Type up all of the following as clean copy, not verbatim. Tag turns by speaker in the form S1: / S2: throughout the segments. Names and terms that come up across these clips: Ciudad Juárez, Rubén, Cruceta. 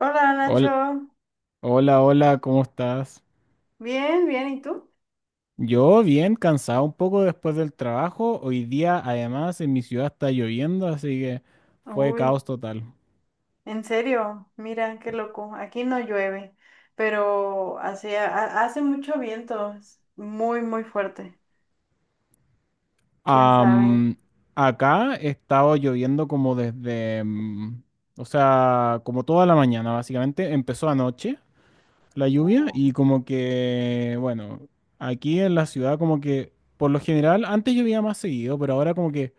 S1: Hola
S2: Hola,
S1: Nacho,
S2: hola, hola, ¿cómo estás?
S1: bien, bien, ¿y tú?
S2: Yo bien, cansado un poco después del trabajo. Hoy día, además, en mi ciudad está lloviendo, así que fue
S1: Uy,
S2: caos total.
S1: en serio, mira, qué loco, aquí no llueve, pero hace mucho viento, es muy, muy fuerte, quién sabe.
S2: Am, Acá he estado lloviendo como desde, o sea, como toda la mañana, básicamente. Empezó anoche la lluvia y como que, bueno, aquí en la ciudad como que, por lo general, antes llovía más seguido, pero ahora como que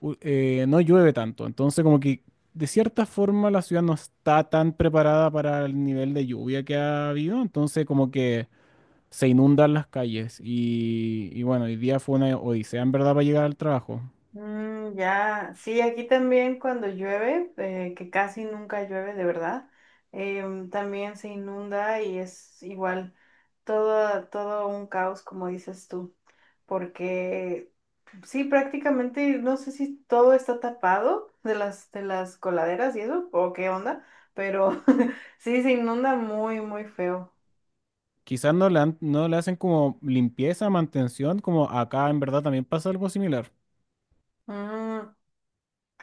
S2: no llueve tanto. Entonces, como que de cierta forma la ciudad no está tan preparada para el nivel de lluvia que ha habido. Entonces, como que se inundan las calles. Y bueno, hoy día fue una odisea en verdad para llegar al trabajo.
S1: Mm, ya, sí, aquí también cuando llueve, que casi nunca llueve de verdad, también se inunda y es igual todo un caos, como dices tú, porque sí, prácticamente no sé si todo está tapado de las coladeras y eso, o qué onda, pero sí, se inunda muy, muy feo.
S2: Quizás no le hacen como limpieza, mantención, como acá en verdad también pasa algo similar.
S1: Mm,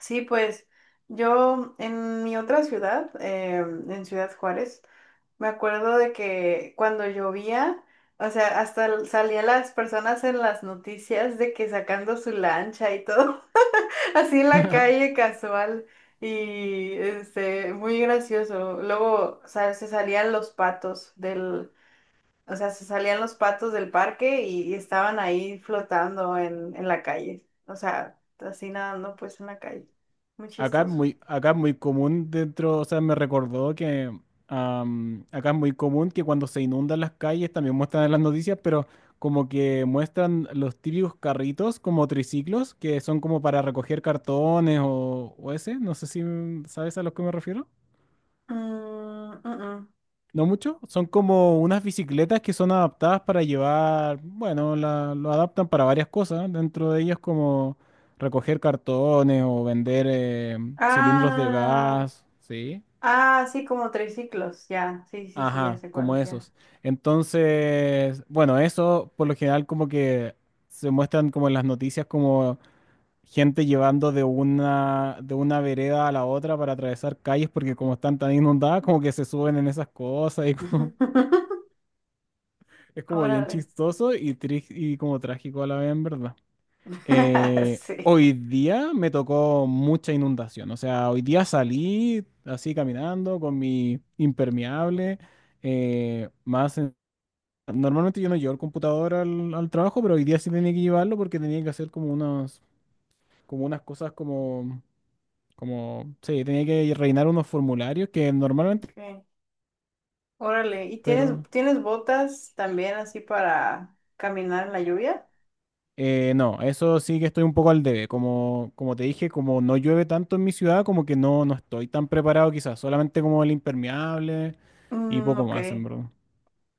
S1: sí, pues yo en mi otra ciudad, en Ciudad Juárez, me acuerdo de que cuando llovía, o sea, salían las personas en las noticias de que sacando su lancha y todo, así en la calle casual y muy gracioso. Luego, o sea, se salían los patos del parque y estaban ahí flotando en la calle, o sea, así nadando pues en la calle. Muy chistoso.
S2: Acá es muy común dentro, o sea, me recordó que acá es muy común que cuando se inundan las calles también muestran en las noticias, pero como que muestran los típicos carritos como triciclos que son como para recoger cartones o ese, no sé si sabes a lo que me refiero.
S1: Mm, mm, mm.
S2: No mucho, son como unas bicicletas que son adaptadas para llevar, bueno, lo adaptan para varias cosas, dentro de ellas como recoger cartones o vender cilindros de
S1: Ah.
S2: gas, ¿sí?
S1: Ah, sí, como triciclos, ya. Sí, sí, sí, ya
S2: Ajá,
S1: sé
S2: como
S1: cuál, ya.
S2: esos. Entonces, bueno, eso por lo general como que se muestran como en las noticias como gente llevando de una vereda a la otra para atravesar calles porque como están tan inundadas como que se suben en esas cosas y como, es como bien
S1: Órale.
S2: chistoso y como trágico a la vez en verdad. Eh,
S1: Sí.
S2: hoy día me tocó mucha inundación, o sea, hoy día salí así caminando con mi impermeable. Eh, más... Normalmente yo no llevo el computador al trabajo, pero hoy día sí tenía que llevarlo porque tenía que hacer como unas cosas como, sí, tenía que rellenar unos formularios que normalmente,
S1: Okay. Órale. ¿Y
S2: pero
S1: tienes botas también así para caminar en la lluvia?
S2: no, eso sí que estoy un poco al debe. Como te dije, como no llueve tanto en mi ciudad, como que no estoy tan preparado quizás, solamente como el impermeable y
S1: Mm,
S2: poco
S1: ok.
S2: más, en verdad.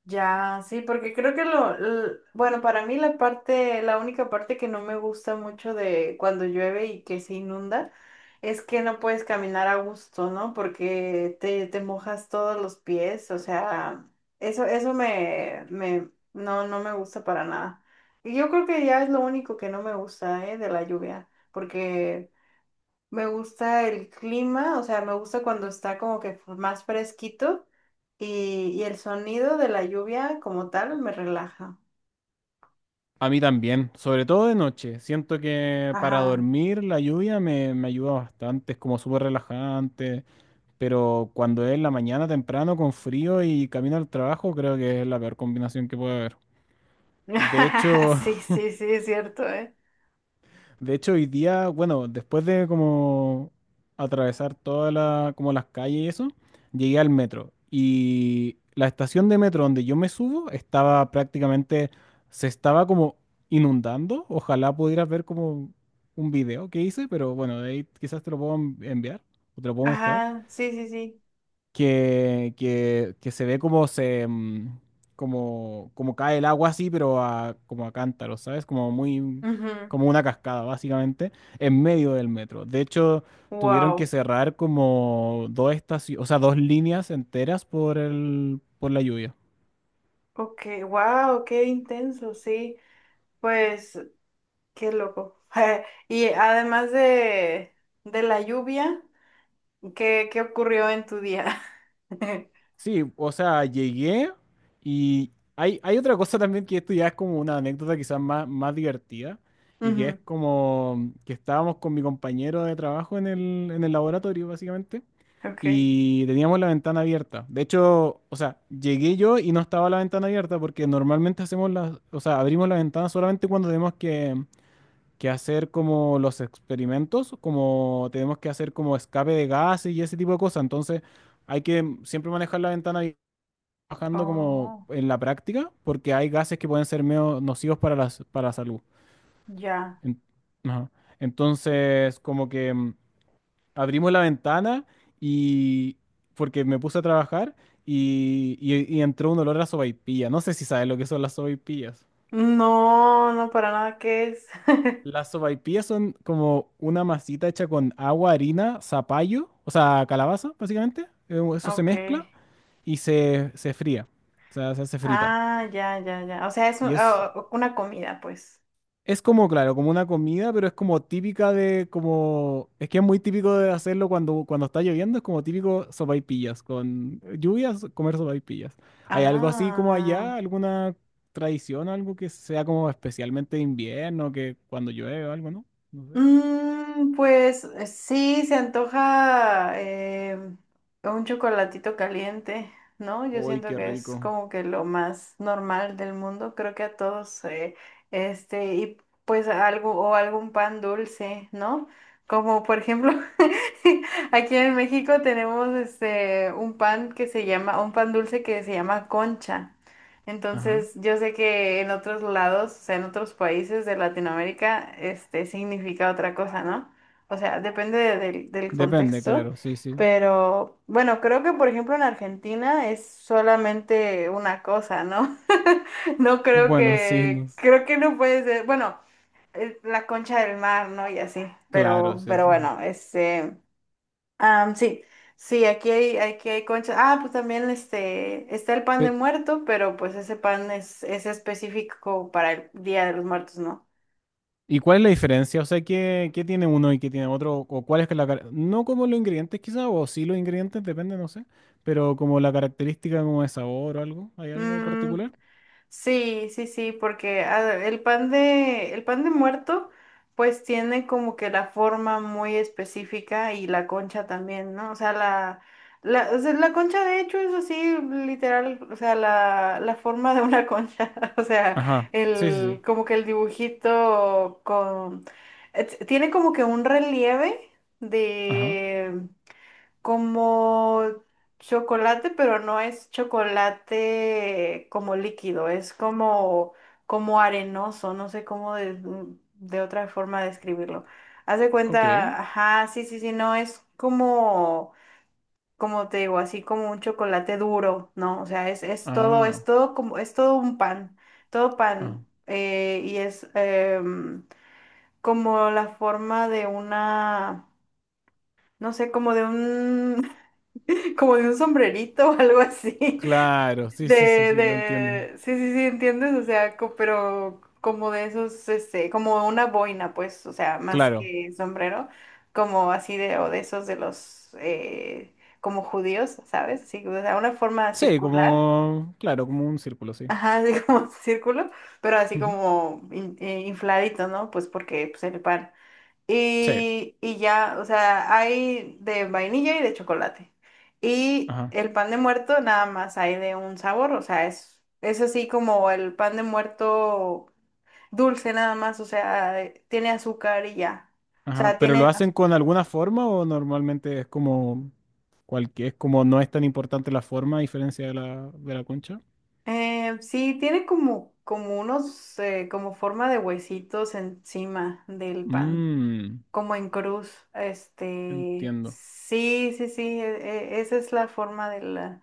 S1: Ya, sí, porque creo que bueno, para mí la única parte que no me gusta mucho de cuando llueve y que se inunda es que no puedes caminar a gusto, ¿no? Porque te mojas todos los pies, o sea, no, no me gusta para nada. Y yo creo que ya es lo único que no me gusta, ¿eh? De la lluvia, porque me gusta el clima, o sea, me gusta cuando está como que más fresquito y el sonido de la lluvia como tal me relaja.
S2: A mí también, sobre todo de noche. Siento que para
S1: Ajá.
S2: dormir la lluvia me ayuda bastante, es como súper relajante. Pero cuando es en la mañana temprano con frío y camino al trabajo, creo que es la peor combinación que puede haber. De hecho,
S1: Sí, sí, sí, es cierto, ¿eh?
S2: de hecho hoy día, bueno, después de como atravesar todas como las calles y eso, llegué al metro. Y la estación de metro donde yo me subo estaba prácticamente, se estaba como inundando. Ojalá pudieras ver como un video que hice, pero bueno, de ahí quizás te lo puedo enviar o te lo puedo mostrar.
S1: Ajá, sí, sí, sí.
S2: Que se ve como como cae el agua así, pero como a cántaros, ¿sabes? Como muy como una cascada, básicamente, en medio del metro. De hecho, tuvieron que
S1: Wow.
S2: cerrar como dos estaciones, o sea, dos líneas enteras por la lluvia.
S1: Ok, wow, qué intenso, sí. Pues, qué loco. Y además de la lluvia, qué ocurrió en tu día?
S2: Sí, o sea, llegué y hay otra cosa también que esto ya es como una anécdota quizás más divertida y que es
S1: Ujú,
S2: como que estábamos con mi compañero de trabajo en el laboratorio básicamente
S1: ok.
S2: y teníamos la ventana abierta. De hecho, o sea, llegué yo y no estaba la ventana abierta porque normalmente hacemos o sea, abrimos la ventana solamente cuando tenemos que hacer como los experimentos, como tenemos que hacer como escape de gases y ese tipo de cosas. Entonces, hay que siempre manejar la ventana abierta trabajando como
S1: Oh,
S2: en la práctica, porque hay gases que pueden ser medio nocivos para la salud.
S1: ya.
S2: En- ajá. Entonces, como que abrimos la ventana y porque me puse a trabajar y entró un olor a sopaipilla. No sé si sabes lo que son las sopaipillas.
S1: No, no, para nada, ¿qué es?
S2: Las sopaipillas son como una masita hecha con agua, harina, zapallo, o sea, calabaza, básicamente. Eso se
S1: Ok.
S2: mezcla y se fría, o sea, se hace frita.
S1: Ah, ya, ya, ya. O sea,
S2: Y es,
S1: una comida, pues.
S2: Es como, claro, como una comida, pero es como típica es que es muy típico de hacerlo cuando, está lloviendo, es como típico sopaipillas, con lluvias, comer sopaipillas. ¿Hay algo así como allá,
S1: Ah.
S2: alguna tradición, algo que sea como especialmente de invierno, que cuando llueve o algo, no? No sé.
S1: Mm, pues sí, se antoja un chocolatito caliente, ¿no? Yo
S2: Uy,
S1: siento
S2: qué
S1: que es
S2: rico.
S1: como que lo más normal del mundo, creo que a todos, y pues algo o algún pan dulce, ¿no? Como por ejemplo, aquí en México tenemos este un pan que se llama, un pan dulce que se llama concha.
S2: Ajá.
S1: Entonces, yo sé que en otros lados, o sea, en otros países de Latinoamérica, este significa otra cosa, ¿no? O sea, del, del
S2: Depende,
S1: contexto,
S2: claro, sí, sí.
S1: pero bueno, creo que por ejemplo en Argentina es solamente una cosa, ¿no? No creo
S2: Bueno, sí,
S1: que, creo que no puede ser, bueno, la concha del mar, ¿no? Y así,
S2: claro, sí,
S1: pero
S2: sí.
S1: bueno, este... Ah, sí, sí, aquí hay conchas. Ah, pues también este, está el pan de
S2: Pero,
S1: muerto, pero pues ese pan es específico para el Día de los Muertos, ¿no?
S2: ¿y cuál es la diferencia? O sea, ¿qué tiene uno y qué tiene otro? ¿O cuál es que no como los ingredientes quizá, o sí los ingredientes, depende, no sé? Pero como la característica como de sabor o algo. ¿Hay algo
S1: Mm,
S2: particular?
S1: sí, sí, sí, porque el pan de muerto, pues tiene como que la forma muy específica y la concha también, ¿no? O sea, o sea, la concha de hecho es así, literal, o sea, la forma de una concha, o sea,
S2: Ajá. Sí, sí, sí.
S1: el, como que el dibujito con, tiene como que un relieve
S2: Ajá.
S1: como chocolate, pero no es chocolate como líquido, es como, como arenoso, no sé cómo de otra forma describirlo. Haz de
S2: Ok.
S1: cuenta, ajá, sí, sí, sí, no, es como, como te digo, así como un chocolate duro, ¿no? O sea, es todo,
S2: Ah.
S1: es todo un pan, todo
S2: Ah.
S1: pan, como la forma de una, no sé, como de un como de un sombrerito o algo así.
S2: Claro. Sí, sí, sí,
S1: De,
S2: sí, lo entiendo.
S1: sí, sí, sí, ¿entiendes? O sea, pero como de esos, este, como una boina, pues, o sea, más
S2: Claro.
S1: que sombrero, como así de, o de esos de los, como judíos, ¿sabes? Así, o sea, una forma
S2: Sí,
S1: circular,
S2: como, claro, como un círculo, sí.
S1: ajá, así como círculo, pero así
S2: Ujú.
S1: como infladito, ¿no? Pues porque, pues, el pan.
S2: Sí.
S1: Y ya, o sea, hay de vainilla y de chocolate. Y
S2: Ajá.
S1: el pan de muerto nada más hay de un sabor, o sea, es así como el pan de muerto dulce nada más, o sea, tiene azúcar y ya. O
S2: Ajá,
S1: sea,
S2: pero ¿lo hacen con alguna forma o normalmente es como es como no es tan importante la forma a diferencia de la concha?
S1: sí, tiene como, como unos, como forma de huesitos encima del pan,
S2: Mmm,
S1: como en cruz. Este,
S2: entiendo.
S1: sí, sí, sí, esa es la forma de la...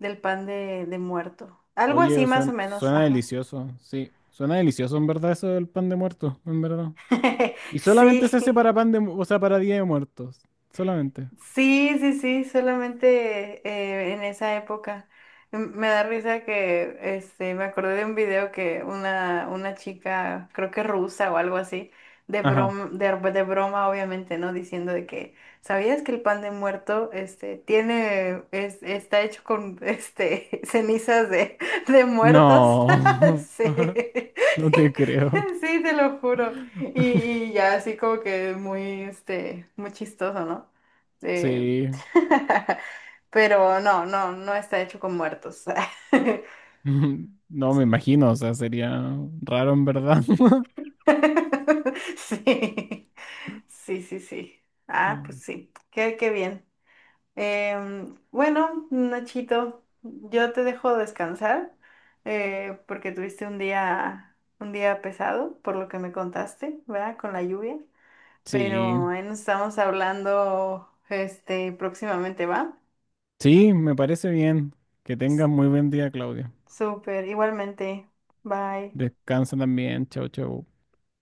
S1: Del pan de muerto. Algo
S2: Oye,
S1: así más o menos,
S2: suena,
S1: ajá.
S2: delicioso, sí, suena delicioso en verdad eso del pan de muerto, en verdad. Y
S1: Sí,
S2: solamente se hace para o sea, para Día de Muertos, solamente.
S1: sí, sí, sí, solamente en esa época. Me da risa que este, me acordé de un video que una chica, creo que rusa o algo así, de
S2: Ajá.
S1: broma, de broma obviamente, ¿no? Diciendo de que, ¿sabías que el pan de muerto este, está hecho con este, cenizas de muertos?
S2: No,
S1: Sí.
S2: no te creo.
S1: Sí, te lo juro. Y ya así como que muy, este, muy chistoso, ¿no? Eh,
S2: Sí,
S1: Pero no, no, no está hecho con muertos.
S2: no me
S1: Sí.
S2: imagino, o sea, sería raro en verdad.
S1: Sí, sí, sí, sí. Ah, pues
S2: Ay,
S1: sí. Qué, qué bien. Bueno, Nachito, yo te dejo descansar porque tuviste un día pesado, por lo que me contaste, ¿verdad? Con la lluvia.
S2: sí.
S1: Pero ahí nos estamos hablando este próximamente, ¿va?
S2: Sí, me parece bien. Que tengas muy buen día, Claudia.
S1: Súper, igualmente. Bye.
S2: Descansa también. Chau, chau.